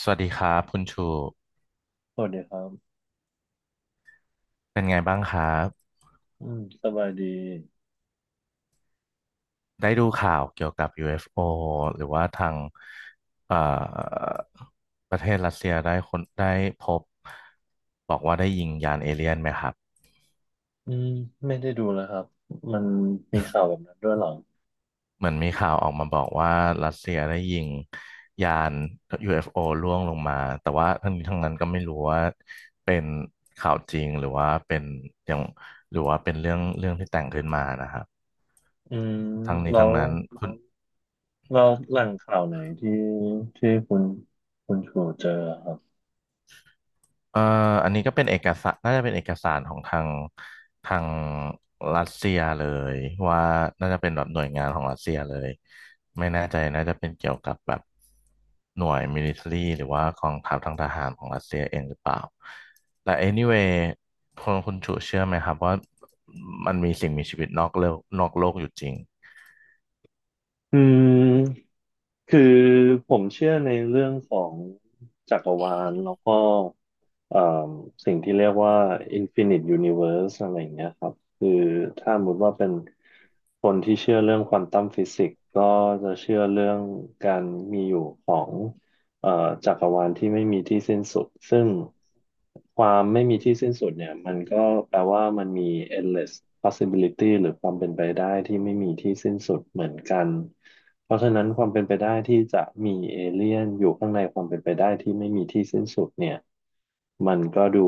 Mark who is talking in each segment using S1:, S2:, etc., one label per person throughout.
S1: สวัสดีครับคุณชู
S2: สวัสดีครับ
S1: เป็นไงบ้างครับ
S2: อืมสบายดี
S1: ได้ดูข่าวเกี่ยวกับ UFO หรือว่าทางเอ่อประเทศรัสเซียได้คนได้พบบอกว่าได้ยิงยานเอเลี่ยนไหมครับ
S2: อืมไม่ได้ดูแล้วครับ มันมีข่าวแบบนั้นด้วยเหรอ
S1: เหมือนมีข่าวออกมาบอกว่ารัสเซียได้ยิงยาน UFO ล่วงลงมาแต่ว่าทั้งนี้ทั้งนั้นก็ไม่รู้ว่าเป็นข่าวจริงหรือว่าเป็นอย่างหรือว่าเป็นเรื่องที่แต่งขึ้นมานะครับ
S2: อืม
S1: ทั้งนี้
S2: แล้
S1: ทั้ง
S2: ว
S1: นั้น
S2: เราแหล่งข่าวไหนที่ที่คุณชูเจอครับ
S1: เอ่ออันนี้ก็เป็นเอกสารน่าจะเป็นเอกสารของทางทางรัสเซียเลยว่าน่าจะเป็นแบบหน่วยงานของรัสเซียเลยไม่แน่ใจน่าจะเป็นเกี่ยวกับแบบหน่วยมิลิเตอรี่หรือว่ากองทัพทางทหารของรัสเซียเองหรือเปล่าแต่ anyway คนคุณชูเชื่อไหมครับว่ามันมีสิ่งมีชีวิตนอกโลกอยู่จริง
S2: อืมคือผมเชื่อในเรื่องของจักรวาลแล้วก็ เอ่อสิ่งที่เรียกว่า Infinite Universe อะไรอย่างเงี้ยครับคือถ้าสมมติว่าเป็นคนที่เชื่อเรื่องควอนตัมฟิสิกส์ก็จะเชื่อเรื่องการมีอยู่ของเอ่อจักรวาลที่ไม่มีที่สิ้นสุดซึ่งความไม่มีที่สิ้นสุดเนี่ยมันก็แปลว่ามันมี endless possibility หรือความเป็นไปได้ที่ไม่มีที่สิ้นสุดเหมือนกันเพราะฉะนั้นความเป็นไปได้ที่จะมีเอเลี่ยนอยู่ข้างในความเป็นไปได้ที่ไม่มีที่สิ้นสุดเนี่ย มันก็ดู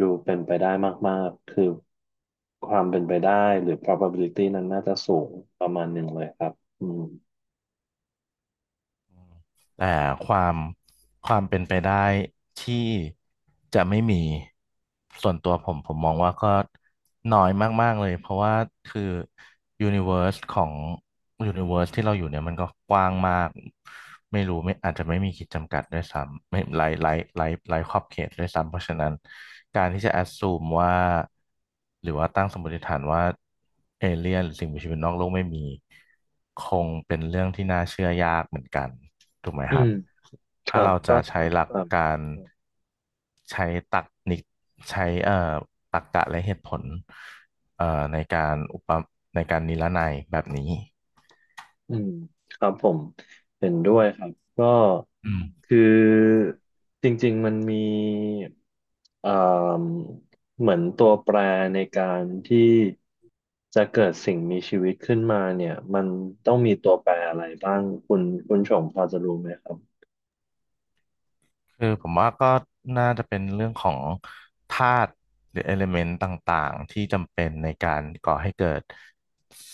S2: ดูเป็นไปได้มากๆคือความเป็นไปได้หรือ probability นั้นน่าจะสูงประมาณหนึ่งเลยครับอืม
S1: แต่ความความเป็นไปได้ที่จะไม่มีส่วนตัวผมมองว่าก็น้อยมากๆเลยเพราะว่าคือยูนิเวอร์สของยูนิเวอร์สที่เราอยู่เนี่ยมันก็กว้างมากไม่รู้ไม่อาจจะไม่มีขีดจำกัดด้วยซ้ำไม่ไร้ขอบเขตด้วยซ้ำเพราะฉะนั้นการที่จะแอ s ซูมว่าหรือว่าตั้งสมมติฐานว่าเอเลี่ยนหรือสิ่งมีชีวิตนอกโลกไม่มี คงเป็นเรื่องที่น่าเชื่อยากเหมือนกันถูกไหม
S2: อื
S1: ครั
S2: ม
S1: บ
S2: ค
S1: ถ้า
S2: รับ
S1: เรา
S2: ก็
S1: จะใช้หลัก
S2: ครับ
S1: การใช้ตรรกนิกใช้ตรรกะและเหตุผลเอ่อในการอุปในการนิรนัยแบบนี้
S2: อืมครับผมเห็นด้วยครับ ก็
S1: อืม
S2: คือจริงๆมันมีเอ่มเหมือนตัวแปรในการที่จะเกิดสิ่งมีชีวิตขึ้นมาเนี่ยมันต้องมีตัวแปรอะไรบ้างคุณคุณชงพอจะรู้ไหมครับ
S1: คือผมว่าก็น่าจะเป็นเรื่องของธาตุหรือเอลิเมนต์ต่างๆที่จำเป็นในการก่อให้เกิด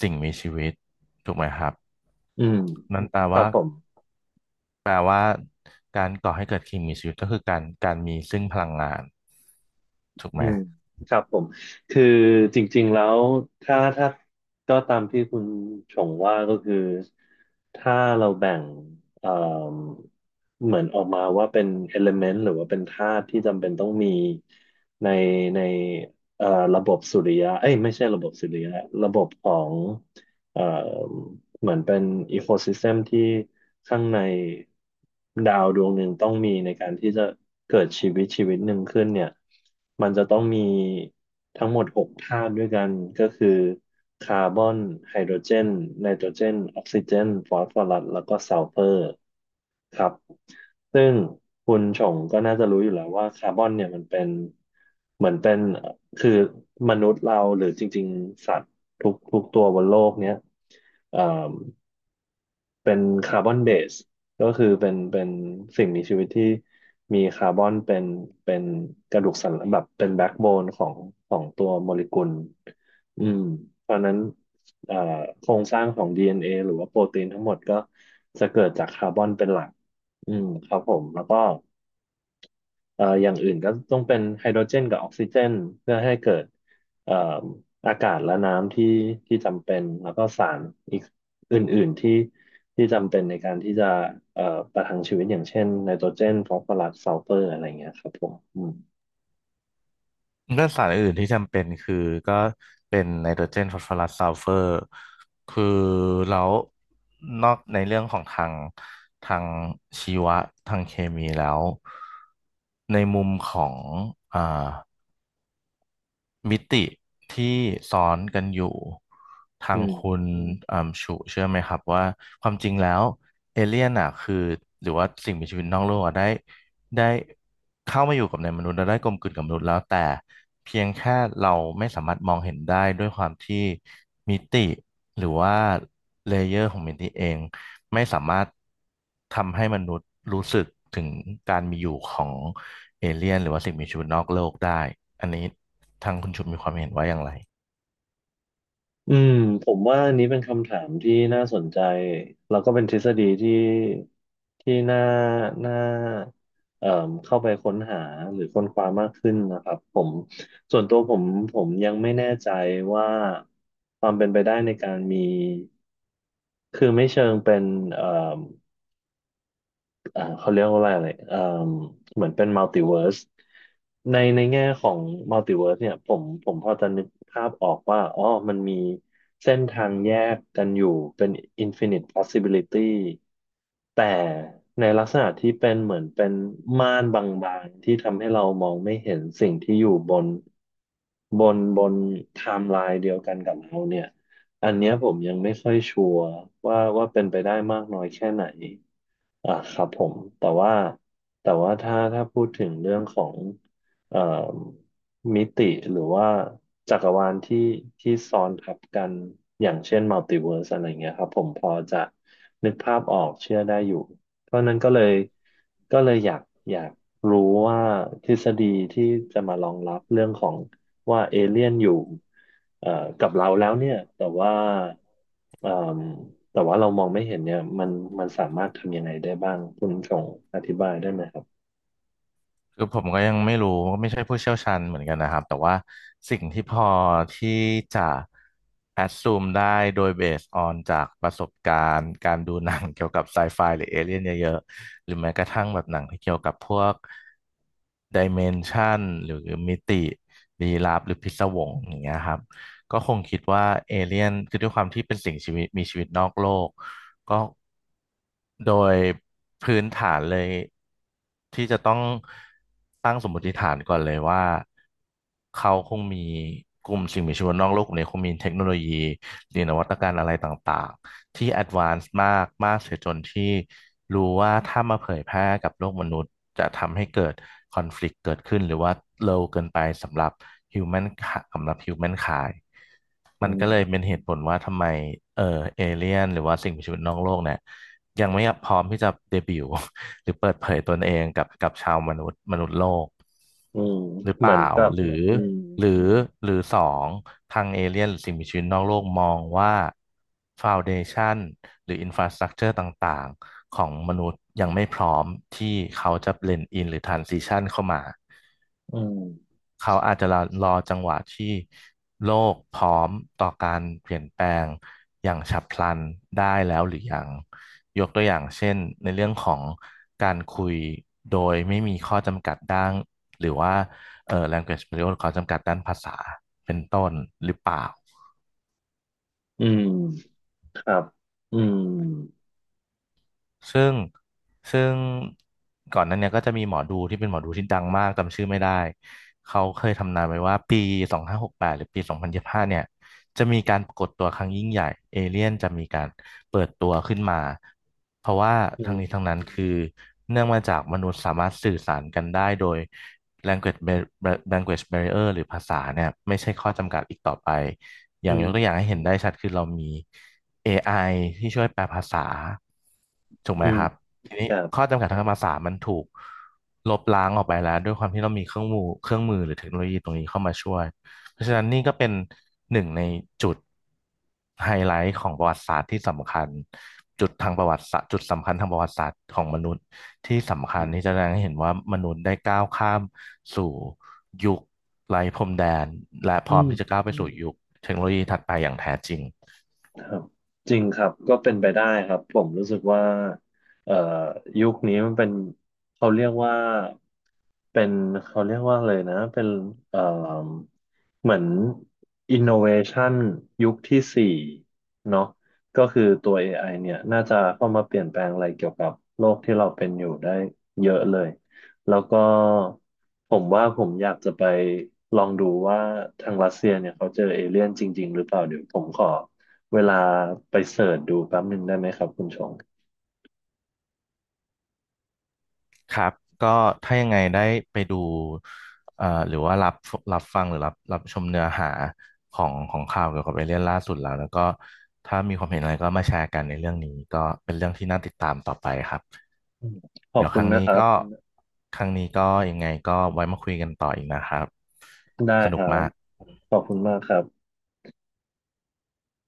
S1: สิ่งมีชีวิตถูกไหมครับ
S2: อืม
S1: นั่นแปล
S2: ครั
S1: ว่า
S2: บผม
S1: แปลว่าการก่อให้เกิดสิ่งมีชีวิตก็คือการมีซึ่งพลังงานถูกไห
S2: อื
S1: ม
S2: มครับผมคือจริงๆแล้วถ้าก็ตามที่คุณชงว่าก็คือถ้าเราแบ่งเอ่มเหมือนออกมาว่าเป็น element หรือว่าเป็นธาตุที่จำเป็นต้องมีในในเอ่อระบบสุริยะเอ้ยไม่ใช่ระบบสุริยะระบบของ เอ่อเหมือนเป็นอีโคซิสเต็มที่ข้างในดาวดวงหนึ่งต้องมีในการที่จะเกิดชีวิตหนึ่งขึ้นเนี่ยมันจะต้องมีทั้งหมดหกธาตุด้วยกันก็คือคาร์บอนไฮโดรเจนไนโตรเจนออกซิเจนฟอสฟอรัสแล้วก็ซัลเฟอร์ครับซึ่งคุณชงก็น่าจะรู้อยู่แล้วว่าคาร์บอนเนี่ยมันเป็นเหมือนเป็นคือมนุษย์เราหรือจริงๆสัตว์ ทุกทุกตัวบนโลกเนี้ยเอ่อเป็นคาร์บอนเบสก็คือเป็นสิ่งมีชีวิตที่มีคาร์บอนเป็นเป็นกระดูกสันหลังแบบเป็นแบ็กโบนของของตัวโมเลกุลอืมเพราะฉะนั้นเอ่อโครงสร้างของ DNA หรือว่าโปรตีนทั้งหมดก็จะเกิดจากคาร์บอนเป็นหลักอืมครับผมแล้วก็ อย่างอื่นก็ต้องเป็นไฮโดรเจนกับออกซิเจนเพื่อให้เกิดเอ่ออากาศและน้ำที่จำเป็นแล้วก็สารอีกอื่นๆที่จำเป็นในการที่จะเอ่อประทังชีวิตอย่างเช่นไนโตรเจนฟอสฟอรัสซัลเฟอร์อะไรเงี้ยครับผมอืม
S1: ก็สารอื่นที่จำเป็นคือก็เป็นไนโตรเจนฟอสฟอรัสซัลเฟอร์คือแล้วนอกในเรื่องของทางทางชีวะทางเคมีแล้วในมุมของอ่า มิติที่ซ้อนกันอยู่ทา
S2: อื
S1: งคุ
S2: ม
S1: ณชูเชื่อไหมครับว่าความจริงแล้วเอเลี่ยนอ่ะคือหรือว่าสิ่งมีชีวิตนอกโลกอ่ะได้เข้ามาอยู่กับในมนุษย์แล้วได้กลมกลืนกับมนุษย์แล้วแต่เพียงแค่เราไม่สามารถมองเห็นได้ด้วยความที่มิติหรือว่าเลเยอร์ของมิติเอง ไม่สามารถทำให้มนุษย์รู้สึกถึงการมีอยู่ของเอเลี่ยนหรือว่าสิ่งมีชีวิตนอกโลกได้ อันนี้ทางคุณชุมมีความเห็นว่าอย่างไร
S2: อืมผมว่าอันนี้เป็นคำถามที่น่าสนใจแล้วก็เป็นทฤษฎีที่น่าเอ่มเข้าไปค้นหาหรือค้นคว้ามากขึ้นนะครับผมส่วนตัวผมยังไม่แน่ใจว่าความเป็นไปได้ในการมีคือไม่เชิงเป็นเอ่อ เขาเรียกว่าอะไรอะไรเหมือนเป็นมัลติเวิร์สในในแง่ของมัลติเวิร์สเนี่ยผมพอจะนึกภาพออกว่าอ๋อมันมีเส้นทางแยกกันอยู่เป็นอินฟินิต possibility แต่ในลักษณะที่เป็นเหมือนเป็นม่านบางๆที่ทำให้เรามองไม่เห็นสิ่งที่อยู่บนบนไทม์ไลน์เดียวกันกับเราเนี่ยอันเนี้ยผมยังไม่ค่อยชัวร์ว่าเป็นไปได้มากน้อยแค่ไหน อ่าครับผมแต่ว่าถ้าพูดถึงเรื่องของเอ่อมิติหรือว่าจักรวาลที่ซ้อนทับกันอย่างเช่นมัลติเวิร์สอะไรเงี้ยครับผมพอจะนึกภาพออกเชื่อได้อยู่เพราะนั้นก็เลยก็เลยอยากอยากรู้ว่าทฤษฎีที่จะมารองรับเรื่องของว่าเอเลี่ยนอยู่เอ่อกับเราแล้วเนี่ยแต่ว่า เอ่มแต่ว่าเรามองไม่เห็นเนี่ยมันสามารถทำยังไงได้บ้างคุณส่งอธิบายได้ไหมครับ
S1: คือผมก็ยังไม่รู้ก็ไม่ใช่ผู้เชี่ยวชาญเหมือนกันนะครับ แต่ว่าสิ่งที่พอที่จะ assume ได้โดย based on จากประสบการณ์การดูหนังเกี่ยวกับไซไฟหรือเอเลี่ยนเยอะๆหรือแม้กระทั่งแบบหนังที่เกี่ยวกับพวก dimension หรือมิติลี้ลับหรือพิศวงอย่างเงี้ยครับ ก็คงคิดว่าเอเลี่ยนคือด้วยความที่เป็นสิ่งชีวิตมีชีวิตนอกโลกก็โดยพื้นฐานเลยที่จะต้องตั้งสมมติฐานก่อนเลยว่าเขาคงมีกลุ่มสิ่งมีชีวิตนอกโลกกลุ่มนี้คงมีเทคโนโลยีหรือนวัตกรรมอะไรต่างๆที่แอดวานซ์มากมากเสียจนที่รู้ว่าถ้ามาเผยแพร่กับโลกมนุษย์จะทำให้เกิดคอนฟ lict เกิดขึ้นหรือว่า low เกินไปhuman สำหรับ human คาย
S2: อื
S1: มัน
S2: ม
S1: ก็เลยเป็นเหตุผลว่าทำไมเออเอเลี่ยนหรือว่าสิ่งมีชีวิตนอกโลกเนี่ยยังไม่พร้อมที่จะเดบิวต์ หรือเปิดเผยตนเองกับชาวมนุษย์โลก
S2: อืม
S1: หรือเป
S2: เหมือน
S1: ล่า
S2: กับ
S1: หรือ
S2: อืม
S1: หรือหรือสองทางเอเลี่ยนหรือสิ่งมีชีวิตนอกโลกมองว่าฟ u วเดชันหรืออินฟราสตรักเจอร์ต่างๆของมนุษย์ยังไม่พร้อมที่เขาจะเบลนด์อินหรือทรานซิชันเข้ามา
S2: อืม
S1: เขาอาจจะรอจังหวะที่โลกพร้อมต่อการเปลี่ยนแปลงอย่างฉับพลันได้แล้วหรือยังยกตัวอย่างเช่นในเรื่องของการคุยโดยไม่มีข้อจำกัดด้านหรือว่าlanguage barrier ข้อจำกัดด้านภาษาเป็นต้นหรือเปล่า
S2: อืมครับอืม
S1: ซึ่งซึ่งก่อนหนั้นเนี่ยก็จะมีหมอดูที่เป็นหมอดูที่ดังมากจำชื่อไม่ได้เขาเคยทำนายไว้ว่าปี2568หรือปี2025เนี่ยจะมีการปรากฏตัวครั้งยิ่งใหญ่เอเลี่ยนจะมีการเปิดตัวขึ้นมาเพราะว่า
S2: อื
S1: ทั้
S2: ม
S1: งนี้ทั้งนั้นคือเนื่องมาจากมนุษย์สามารถสื่อสารกันได้โดย language barrier หรือภาษาเนี่ยไม่ใช่ข้อจำกัดอีกต่อไปอ
S2: อื
S1: ย่าง
S2: ม
S1: ยกตัวอย่างให้เห็นได้ชัดคือเรามี AI ที่ช่วยแปลภาษาถูกไห
S2: อื
S1: ม
S2: ม
S1: ครับทีนี้
S2: ครั
S1: ข้
S2: บ
S1: อจำกัดทางภาษามันถูกลบล้างออกไปแล้วด้วยความที่เรามีเครื่องมือหรือเทคโนโลยีตรงนี้เข้ามาช่วยเพราะฉะนั้นนี่ก็เป็นหนึ่งในจุดไฮไลท์ของประวัติศาสตร์ที่สำคัญจุดทางประวัติศาสตร์จุดสำคัญทางประวัติศาสตร์ของมนุษย์ที่สำคั
S2: อื
S1: ญ
S2: ม
S1: ที่จะแสดงให้เห็นว่ามนุษย์ได้ก้าวข้ามสู่ยุคไร้พรมแดนและพร้
S2: อื
S1: อม
S2: ม
S1: ที่จะก้าวไปสู่ยุคเทคโนโลยีถัดไปอย่างแท้จริง
S2: ครับจริงครับก็เป็นไปได้ครับผมรู้สึกว่าเอ่อยุคนี้มันเป็นเขาเรียกว่าเป็นเขาเรียกว่าเลยนะเป็นเอ่อเหมือน innovation ยุคที่สี่เนาะก็คือตัว AI เนี่ยน่าจะเข้ามาเปลี่ยนแปลงอะไรเกี่ยวกับโลกที่เราเป็นอยู่ได้เยอะเลยแล้วก็ผมว่าผมอยากจะไปลองดูว่าทางรัสเซียเนี่ยเขาเจอเอเลี่ยนจริงๆหรือเปล่าเดี๋ยวผมขอ เวลาไปเสิร์ชดูแป๊บหนึ่งได้ไหมครับคุณชง
S1: ครับก็ถ้ายังไงได้ไปดูหรือว่ารับฟังหรือรับชมเนื้อหาของข่าวเกี่ยวกับเอเลี่ยนล่าสุดแล้วก็ถ้ามีความเห็นอะไรก็มาแชร์กันในเรื่องนี้ก็เป็นเรื่องที่น่าติดตามต่อไปครับ
S2: อืมขอ
S1: เดี๋
S2: บ
S1: ยว
S2: คุ
S1: ค
S2: ณ
S1: รั้ง
S2: นะค
S1: นี้
S2: รับ
S1: ก็ครั้งนี้ก็ยังไงก็ไว้มาคุยกันต่ออีกนะครับ
S2: ได้
S1: ส
S2: ค
S1: นุก
S2: รับ
S1: มาก
S2: ขอบคุณมากครับ